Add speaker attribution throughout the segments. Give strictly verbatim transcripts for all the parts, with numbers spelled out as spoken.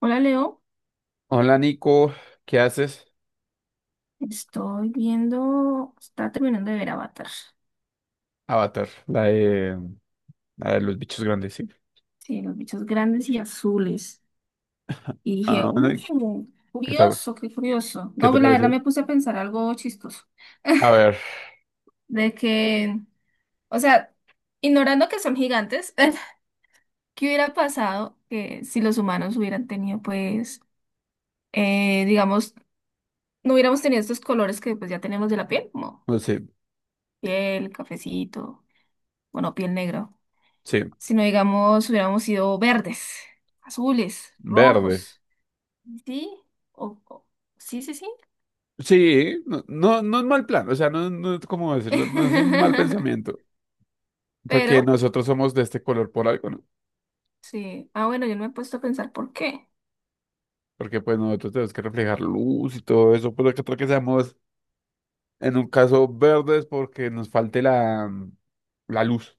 Speaker 1: Hola Leo,
Speaker 2: Hola Nico, ¿qué haces?
Speaker 1: estoy viendo, está terminando de ver Avatar.
Speaker 2: Avatar, la de, la de los bichos grandes, sí.
Speaker 1: Sí, los bichos grandes y azules. Y dije,
Speaker 2: Ah, bueno,
Speaker 1: "Uh,
Speaker 2: ¿y ¿qué tal?
Speaker 1: curioso, qué curioso.
Speaker 2: ¿Qué
Speaker 1: No,
Speaker 2: te
Speaker 1: pero la verdad
Speaker 2: pareció?
Speaker 1: me puse a pensar algo chistoso.
Speaker 2: A ver,
Speaker 1: De que, o sea, ignorando que son gigantes, ¿qué hubiera pasado que si los humanos hubieran tenido, pues, eh, digamos, no hubiéramos tenido estos colores que pues ya tenemos de la piel, como
Speaker 2: no sé,
Speaker 1: piel, cafecito, bueno, ¿piel negra?
Speaker 2: sí,
Speaker 1: Sino digamos, hubiéramos sido verdes, azules,
Speaker 2: verdes.
Speaker 1: rojos. Sí, o, o- sí, sí, sí.
Speaker 2: Sí, no, no, no es mal plan, o sea, no, no es como decirlo, no es un mal pensamiento, porque
Speaker 1: Pero,
Speaker 2: nosotros somos de este color por algo, ¿no?
Speaker 1: sí. Ah, bueno, yo no me he puesto a pensar por qué.
Speaker 2: Porque pues nosotros tenemos que reflejar luz y todo eso, pero que tal que seamos en un caso verdes porque nos falte la, la luz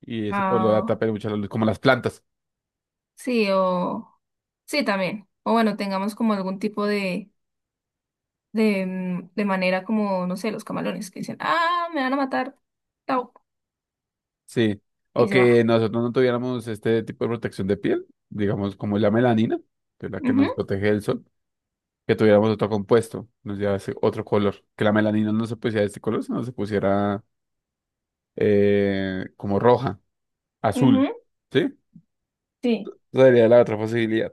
Speaker 2: y ese color
Speaker 1: Ah,
Speaker 2: atrapa mucho la luz, como las plantas.
Speaker 1: sí, o... Sí, también. O bueno, tengamos como algún tipo de, de, mm, de manera como, no sé, los camalones que dicen, ah, me van a matar, chao,
Speaker 2: Sí, o
Speaker 1: y se va.
Speaker 2: que nosotros no tuviéramos este tipo de protección de piel, digamos como la melanina, que es la que
Speaker 1: Ujú.
Speaker 2: nos protege del sol, que tuviéramos otro compuesto, nos llevase otro color, que la melanina no se pusiera de este color, sino se pusiera eh, como roja,
Speaker 1: Ujú,
Speaker 2: azul, ¿sí?
Speaker 1: sí,
Speaker 2: Esa sería la otra posibilidad.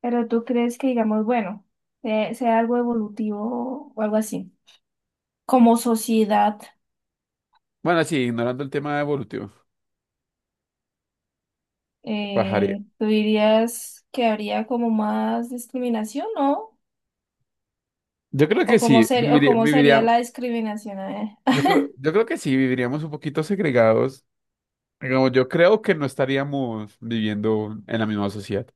Speaker 1: pero tú crees que digamos, bueno, eh, sea algo evolutivo o algo así. Como sociedad,
Speaker 2: Bueno, sí, ignorando el tema evolutivo, ¿qué pajaría?
Speaker 1: eh, ¿tú dirías que habría como más discriminación, no?
Speaker 2: Yo creo que
Speaker 1: ¿o cómo
Speaker 2: sí,
Speaker 1: ser, o
Speaker 2: viviría,
Speaker 1: cómo sería
Speaker 2: viviría,
Speaker 1: la discriminación? eh?
Speaker 2: yo creo, yo creo que sí, viviríamos un poquito segregados. Digamos, yo creo que no estaríamos viviendo en la misma sociedad.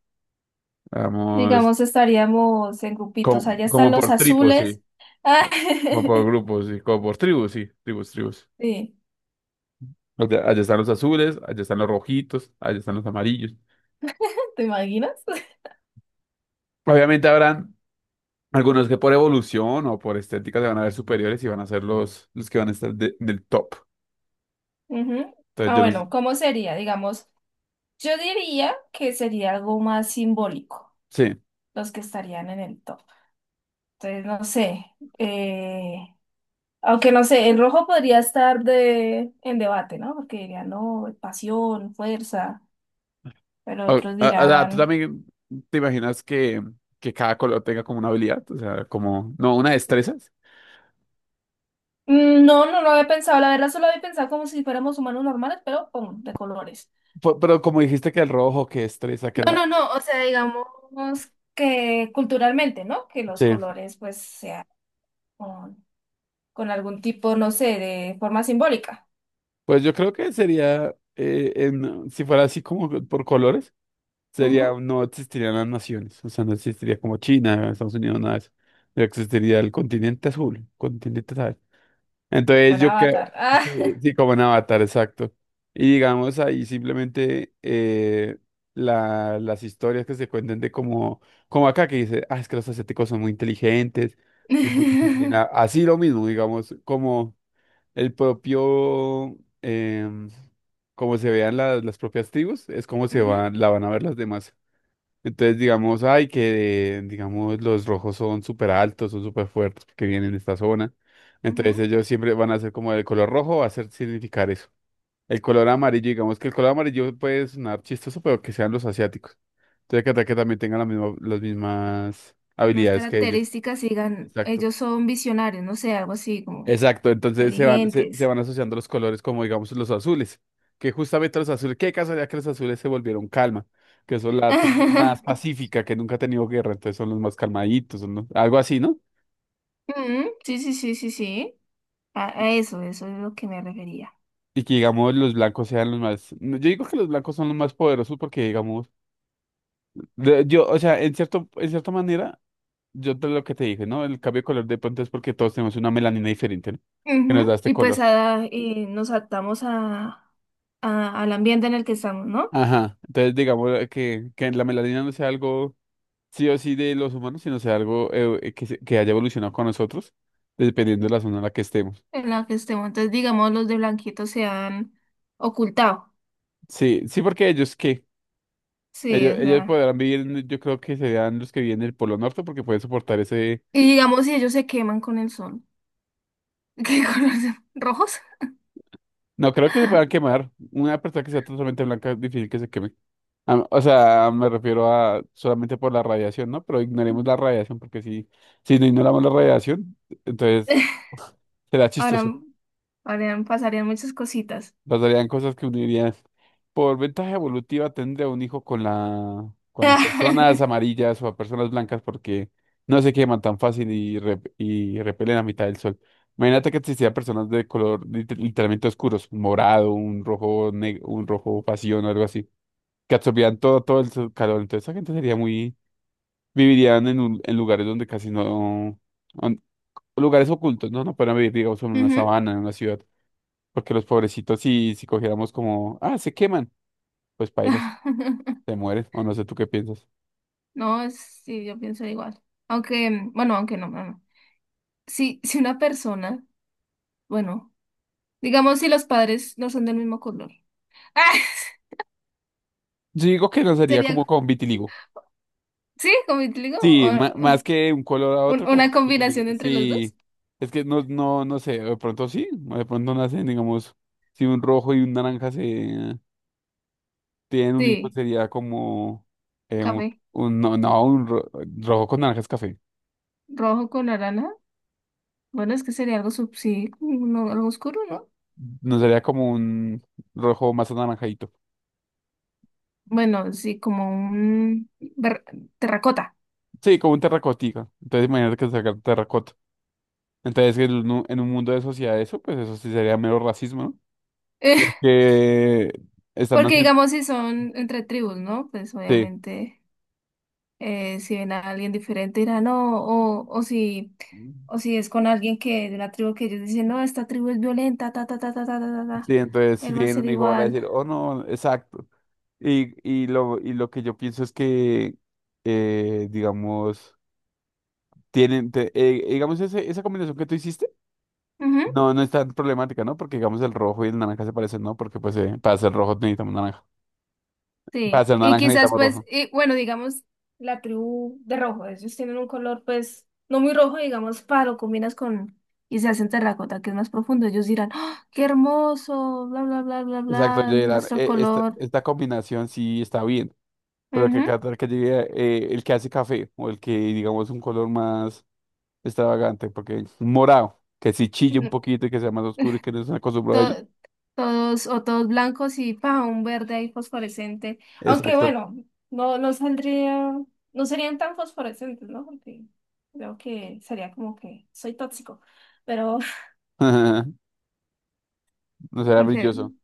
Speaker 2: Vamos,
Speaker 1: Digamos, estaríamos en
Speaker 2: como,
Speaker 1: grupitos, allá están
Speaker 2: como
Speaker 1: los
Speaker 2: por tribus,
Speaker 1: azules.
Speaker 2: sí.
Speaker 1: Ah,
Speaker 2: Como por grupos, sí. Como por tribus, sí. Tribus, tribus.
Speaker 1: sí,
Speaker 2: O sea, allá están los azules, allá están los rojitos, allá están los amarillos.
Speaker 1: ¿te imaginas?
Speaker 2: Obviamente habrán algunos que por evolución o por estética se van a ver superiores y van a ser los, los que van a estar de- en el top.
Speaker 1: Ujú.
Speaker 2: Entonces
Speaker 1: Ah,
Speaker 2: yo no sé.
Speaker 1: bueno, ¿cómo sería? Digamos, yo diría que sería algo más simbólico,
Speaker 2: Sí.
Speaker 1: los que estarían en el top. Entonces, no sé, eh, Aunque no sé, el rojo podría estar de, en debate, ¿no? Porque dirían, no, pasión, fuerza, pero
Speaker 2: O,
Speaker 1: otros
Speaker 2: a- o sea, tú
Speaker 1: dirán,
Speaker 2: también te imaginas que, que cada color tenga como una habilidad, o sea, como, no, una destreza.
Speaker 1: "Mm, no, no lo había pensado, la verdad solo había pensado como si fuéramos humanos normales, pero pum, de colores.
Speaker 2: Pu- Pero como dijiste que el rojo, que destreza, que
Speaker 1: No,
Speaker 2: la...
Speaker 1: no, no, o sea, digamos que culturalmente, ¿no? Que los
Speaker 2: Sí.
Speaker 1: colores pues sean con, con algún tipo, no sé, de forma simbólica.
Speaker 2: Pues yo creo que sería, eh, en- si fuera así como por colores,
Speaker 1: Ujú.
Speaker 2: sería, no existirían las naciones, o sea, no existiría como China, Estados Unidos, nada de eso. No existiría el continente azul, continente tal.
Speaker 1: Como
Speaker 2: Entonces
Speaker 1: en
Speaker 2: yo creo,
Speaker 1: Avatar. Ah.
Speaker 2: sí, sí, como en Avatar, exacto. Y digamos ahí simplemente eh, la- las historias que se cuentan de como, como acá que dice, ah, es que los asiáticos son muy inteligentes, son muy disciplinados, así lo mismo, digamos, como... El propio, em, como se vean la- las propias tribus, es como se
Speaker 1: Ujú,
Speaker 2: van, la van a ver las demás. Entonces, digamos, ay, que digamos los rojos son súper altos, son súper fuertes que vienen de esta zona. Entonces
Speaker 1: ujú.
Speaker 2: ellos siempre van a ser como el color rojo, va a ser significar eso. El color amarillo, digamos que el color amarillo puede sonar chistoso, pero que sean los asiáticos. Entonces, que, que también tengan la misma- las mismas
Speaker 1: Unas
Speaker 2: habilidades que ellos.
Speaker 1: características y digan,
Speaker 2: Exacto.
Speaker 1: ellos son visionarios, no sé, algo así como
Speaker 2: Exacto, entonces se van, se, se
Speaker 1: inteligentes.
Speaker 2: van asociando los colores como digamos los azules, que justamente los azules, qué casualidad que los azules se volvieron calma, que son la tribu más pacífica, que nunca ha tenido guerra, entonces son los más calmaditos, son los- algo así, ¿no?
Speaker 1: Mm, Sí, sí, sí, sí, sí. A a eso, eso es lo que me refería.
Speaker 2: Y que digamos los blancos sean los más, no, yo digo que los blancos son los más poderosos porque digamos, de- yo, o sea, en cierto, en cierta manera, yo te lo que te dije, ¿no? El cambio de color de pronto es porque todos tenemos una melanina diferente, ¿no? Que nos
Speaker 1: Ujú.
Speaker 2: da este
Speaker 1: Y pues
Speaker 2: color.
Speaker 1: a- y nos adaptamos a, a- al ambiente en el que estamos, ¿no?
Speaker 2: Ajá, entonces digamos eh, que, que la melanina no sea algo sí o sí de los humanos, sino sea algo eh, eh, que, se- que haya evolucionado con nosotros, dependiendo de la zona en la que estemos.
Speaker 1: En la que estemos. Entonces, digamos, los de blanquito se han ocultado.
Speaker 2: Sí, sí, porque ellos qué,
Speaker 1: Sí,
Speaker 2: ellos,
Speaker 1: o
Speaker 2: ellos
Speaker 1: sea.
Speaker 2: podrán vivir, en- yo creo que serían los que viven en el Polo Norte porque pueden soportar ese...
Speaker 1: Y digamos, si ellos se queman con el sol. ¿Qué colores? ¿Rojos?
Speaker 2: No, creo que se puedan quemar. Una persona que sea totalmente blanca es difícil que se queme. Ah, o sea, me refiero a solamente por la radiación, ¿no? Pero ignoremos la radiación porque si, si no ignoramos la radiación, entonces será chistoso.
Speaker 1: Ahora, ahora pasarían muchas cositas.
Speaker 2: Pasarían cosas que unirían. Por ventaja evolutiva tendría un hijo con la, con las personas amarillas o a personas blancas porque no se queman tan fácil y, rep- y repelen a mitad del sol. Imagínate que existieran personas de color lit- literalmente oscuros, un morado, un rojo, neg- un rojo pasión o algo así, que absorbían todo, todo el sol- calor. Entonces esa gente sería muy, vivirían en, un- en lugares donde casi no, on- lugares ocultos, no, no podrían vivir, digamos, en una
Speaker 1: Ujú.
Speaker 2: sabana, en una ciudad. Porque los pobrecitos, si, si cogiéramos como, ah, se queman, pues pailas, se mueren, o no sé tú qué piensas.
Speaker 1: No, es- sí, yo pienso igual. Aunque, bueno, aunque no, no, no. Si, si una persona, bueno, digamos si los padres no son del mismo color. Ah,
Speaker 2: Yo digo que no sería como
Speaker 1: sería,
Speaker 2: con vitiligo.
Speaker 1: sí, como te digo,
Speaker 2: Sí, ma-
Speaker 1: o-
Speaker 2: más que un color a otro,
Speaker 1: un- una
Speaker 2: como vitiligo.
Speaker 1: combinación entre los dos.
Speaker 2: Sí, es que no, no, no sé, de pronto sí, o de pronto nacen, digamos, si un rojo y un naranja se tienen un hijo,
Speaker 1: Sí,
Speaker 2: sería como eh, un,
Speaker 1: café,
Speaker 2: un- no, no, un ro- rojo con naranja es café.
Speaker 1: rojo con naranja. Bueno, es que sería algo sub, sí, no- algo oscuro, ¿no?
Speaker 2: No sería como un rojo más anaranjadito.
Speaker 1: Bueno, sí, como un ver- terracota.
Speaker 2: Sí, como un terracotita. Entonces imagínate que sacar terracota. Entonces, en un, en un mundo de sociedad eso, pues eso sí sería mero racismo, ¿no? Porque están
Speaker 1: Porque
Speaker 2: haciendo...
Speaker 1: digamos si son entre tribus, ¿no? Pues
Speaker 2: Sí,
Speaker 1: obviamente. Eh, si ven a alguien diferente dirán, no, o, o si, o si es con alguien que de una tribu que ellos dicen, no, esta tribu es violenta, ta, ta, ta, ta, ta, ta, ta, ta",
Speaker 2: sí, entonces si
Speaker 1: él va a
Speaker 2: tienen
Speaker 1: ser
Speaker 2: un hijo van a
Speaker 1: igual.
Speaker 2: decir, oh no, exacto. Y, y, lo, y lo que yo pienso es que, eh, digamos, tienen, te- eh, digamos, ese, esa combinación que tú hiciste,
Speaker 1: Ujú.
Speaker 2: no, no es tan problemática, ¿no? Porque, digamos, el rojo y el naranja se parecen, ¿no? Porque, pues, eh, para ser rojo necesitamos naranja. Para
Speaker 1: Sí,
Speaker 2: ser
Speaker 1: y
Speaker 2: naranja
Speaker 1: quizás
Speaker 2: necesitamos
Speaker 1: pues,
Speaker 2: rojo.
Speaker 1: y, bueno, digamos, la tribu de rojo, ellos tienen un color pues no muy rojo, digamos, para lo combinas con, y se hacen terracota, que es más profundo, ellos dirán, "¡Ah, qué hermoso, bla, bla, bla, bla,
Speaker 2: Exacto,
Speaker 1: bla,
Speaker 2: Gerard,
Speaker 1: nuestro
Speaker 2: eh, esta,
Speaker 1: color.
Speaker 2: esta combinación sí está bien. Pero que Qatar que llegue eh, el que hace café o el que digamos un color más extravagante, porque un morado, que si chille un
Speaker 1: Ujú.
Speaker 2: poquito y que sea más oscuro y que no estén acostumbrados a ello.
Speaker 1: to- Todos o todos blancos y pa, un verde ahí fosforescente. Aunque
Speaker 2: Exacto.
Speaker 1: bueno, no, no saldría, no serían tan fosforescentes, ¿no? Porque creo que sería como que soy tóxico, pero
Speaker 2: No será
Speaker 1: porque
Speaker 2: brilloso.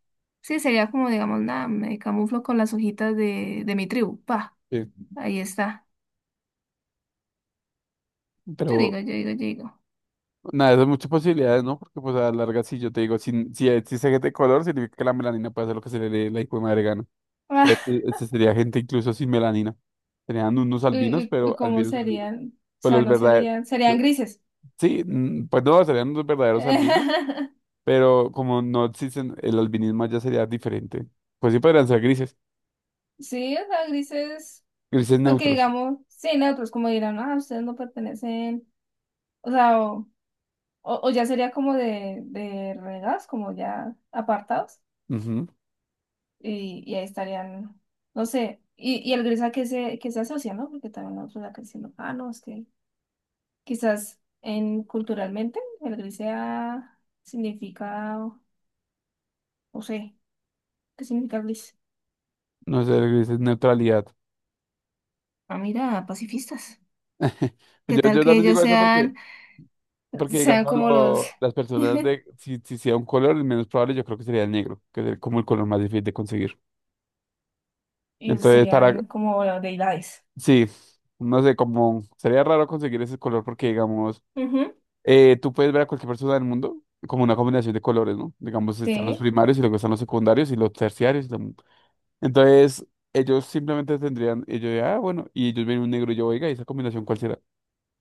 Speaker 1: sí, sería como, digamos, nada, me camuflo con las hojitas de, de mi tribu, pa,
Speaker 2: Sí.
Speaker 1: ahí está. Yo
Speaker 2: Pero
Speaker 1: digo, yo digo, yo digo.
Speaker 2: nada, eso es muchas posibilidades, ¿no? Porque pues a la larga sí, yo te digo, si, si existe gente de color, significa que la melanina puede hacer lo que se le dé la hijo de madre gana.
Speaker 1: Ah,
Speaker 2: Este, este sería gente incluso sin melanina. Serían unos
Speaker 1: ¿y,
Speaker 2: albinos,
Speaker 1: y- ¿y
Speaker 2: pero
Speaker 1: cómo
Speaker 2: albinos albinos.
Speaker 1: serían? O
Speaker 2: Pues
Speaker 1: sea,
Speaker 2: los
Speaker 1: no
Speaker 2: verdaderos,
Speaker 1: serían, serían grises.
Speaker 2: sí, mm, pues no, serían unos verdaderos albinos. Pero como no existen, el albinismo ya sería diferente. Pues sí podrían ser grises,
Speaker 1: Sí, o sea, grises.
Speaker 2: grises
Speaker 1: Porque
Speaker 2: neutros.
Speaker 1: digamos, sí, no, pues como dirán, ah, ustedes no pertenecen, o sea, o, o- o ya sería como de, de renegados, como ya apartados,
Speaker 2: Ujú,
Speaker 1: y, y ahí estarían, no sé, y, y el gris a que se, que se asocia, ¿no? Porque también nosotros acá diciendo, ah, no, es que quizás en culturalmente el gris sea, significa, no sé, ¿qué significa gris?
Speaker 2: no sé, grises neutralidad.
Speaker 1: Ah, mira, pacifistas.
Speaker 2: Pues
Speaker 1: ¿Qué
Speaker 2: Yo,
Speaker 1: tal
Speaker 2: yo
Speaker 1: que
Speaker 2: también
Speaker 1: ellos
Speaker 2: digo eso porque,
Speaker 1: sean,
Speaker 2: porque
Speaker 1: sean
Speaker 2: digamos,
Speaker 1: como los,
Speaker 2: lo- las personas de, si, si sea un color, el menos probable yo creo que sería el negro, que es como el color más difícil de conseguir.
Speaker 1: ellos
Speaker 2: Entonces, para,
Speaker 1: serían como los deidades?
Speaker 2: sí, no sé, como sería raro conseguir ese color porque, digamos,
Speaker 1: Ujú.
Speaker 2: eh, tú puedes ver a cualquier persona del mundo como una combinación de colores, ¿no? Digamos, están los
Speaker 1: Sí,
Speaker 2: primarios y luego están los secundarios y los terciarios. Entonces, ellos simplemente tendrían, ellos, de, ah, bueno, y ellos ven un negro y yo, oiga, ¿y esa combinación cuál será?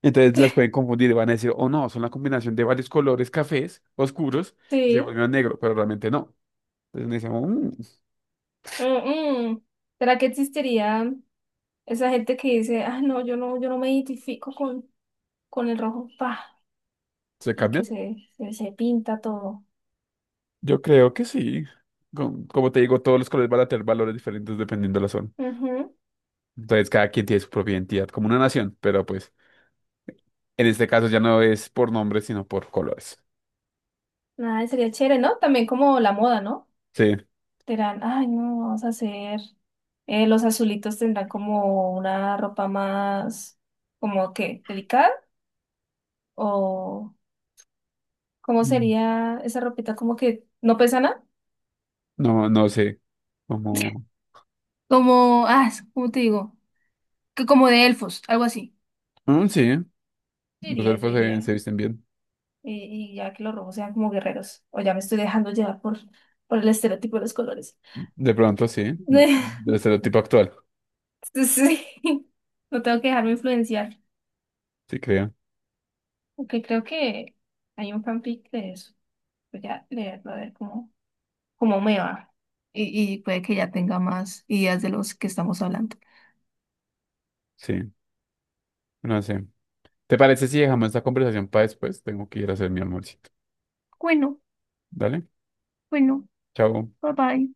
Speaker 2: Entonces las pueden confundir y van a decir, oh no, son la combinación de varios colores cafés oscuros, y se
Speaker 1: sí.
Speaker 2: volvió negro, pero realmente no. Entonces decimos,
Speaker 1: Mm, mm. ¿Será que existiría esa gente que dice, ah, no, yo no, yo no me identifico con, con el rojo, pa,
Speaker 2: ¿se
Speaker 1: y
Speaker 2: cambian?
Speaker 1: que se, se, se pinta todo?
Speaker 2: Yo creo que sí. Com- Como te digo, todos los colores van a tener valores diferentes dependiendo de la zona.
Speaker 1: Ujú.
Speaker 2: Entonces cada quien tiene su propia identidad, como una nación, pero pues en este caso ya no es por nombres, sino por colores.
Speaker 1: Nada, sería chévere, ¿no? También como la moda, ¿no?
Speaker 2: Sí.
Speaker 1: Dirán, ay, no, vamos a hacer. Eh, los azulitos tendrán como una ropa más, como que, delicada, o ¿cómo
Speaker 2: Mm.
Speaker 1: sería esa ropita como que no pesa nada?
Speaker 2: No, no sé, como...
Speaker 1: Como, ah, es- ¿cómo te digo? Que como de elfos, algo así.
Speaker 2: Mm, sí.
Speaker 1: Yo
Speaker 2: Los
Speaker 1: diría, yo
Speaker 2: elfos se,
Speaker 1: iría.
Speaker 2: se visten bien.
Speaker 1: Y, y ya que los rojos sean como guerreros, o ya me estoy dejando llevar por, por el estereotipo de los colores.
Speaker 2: De pronto sí, de- del estereotipo actual,
Speaker 1: Sí, no tengo que dejarme influenciar,
Speaker 2: sí creo.
Speaker 1: aunque creo que hay un fanfic de eso. Voy a leerlo a ver cómo, cómo me va. Y, y puede que ya tenga más ideas de los que estamos hablando.
Speaker 2: Sí, no sé. ¿Te parece si dejamos esta conversación para después? Tengo que ir a hacer mi almuercito.
Speaker 1: Bueno,
Speaker 2: Dale,
Speaker 1: bueno,
Speaker 2: chao.
Speaker 1: bye bye.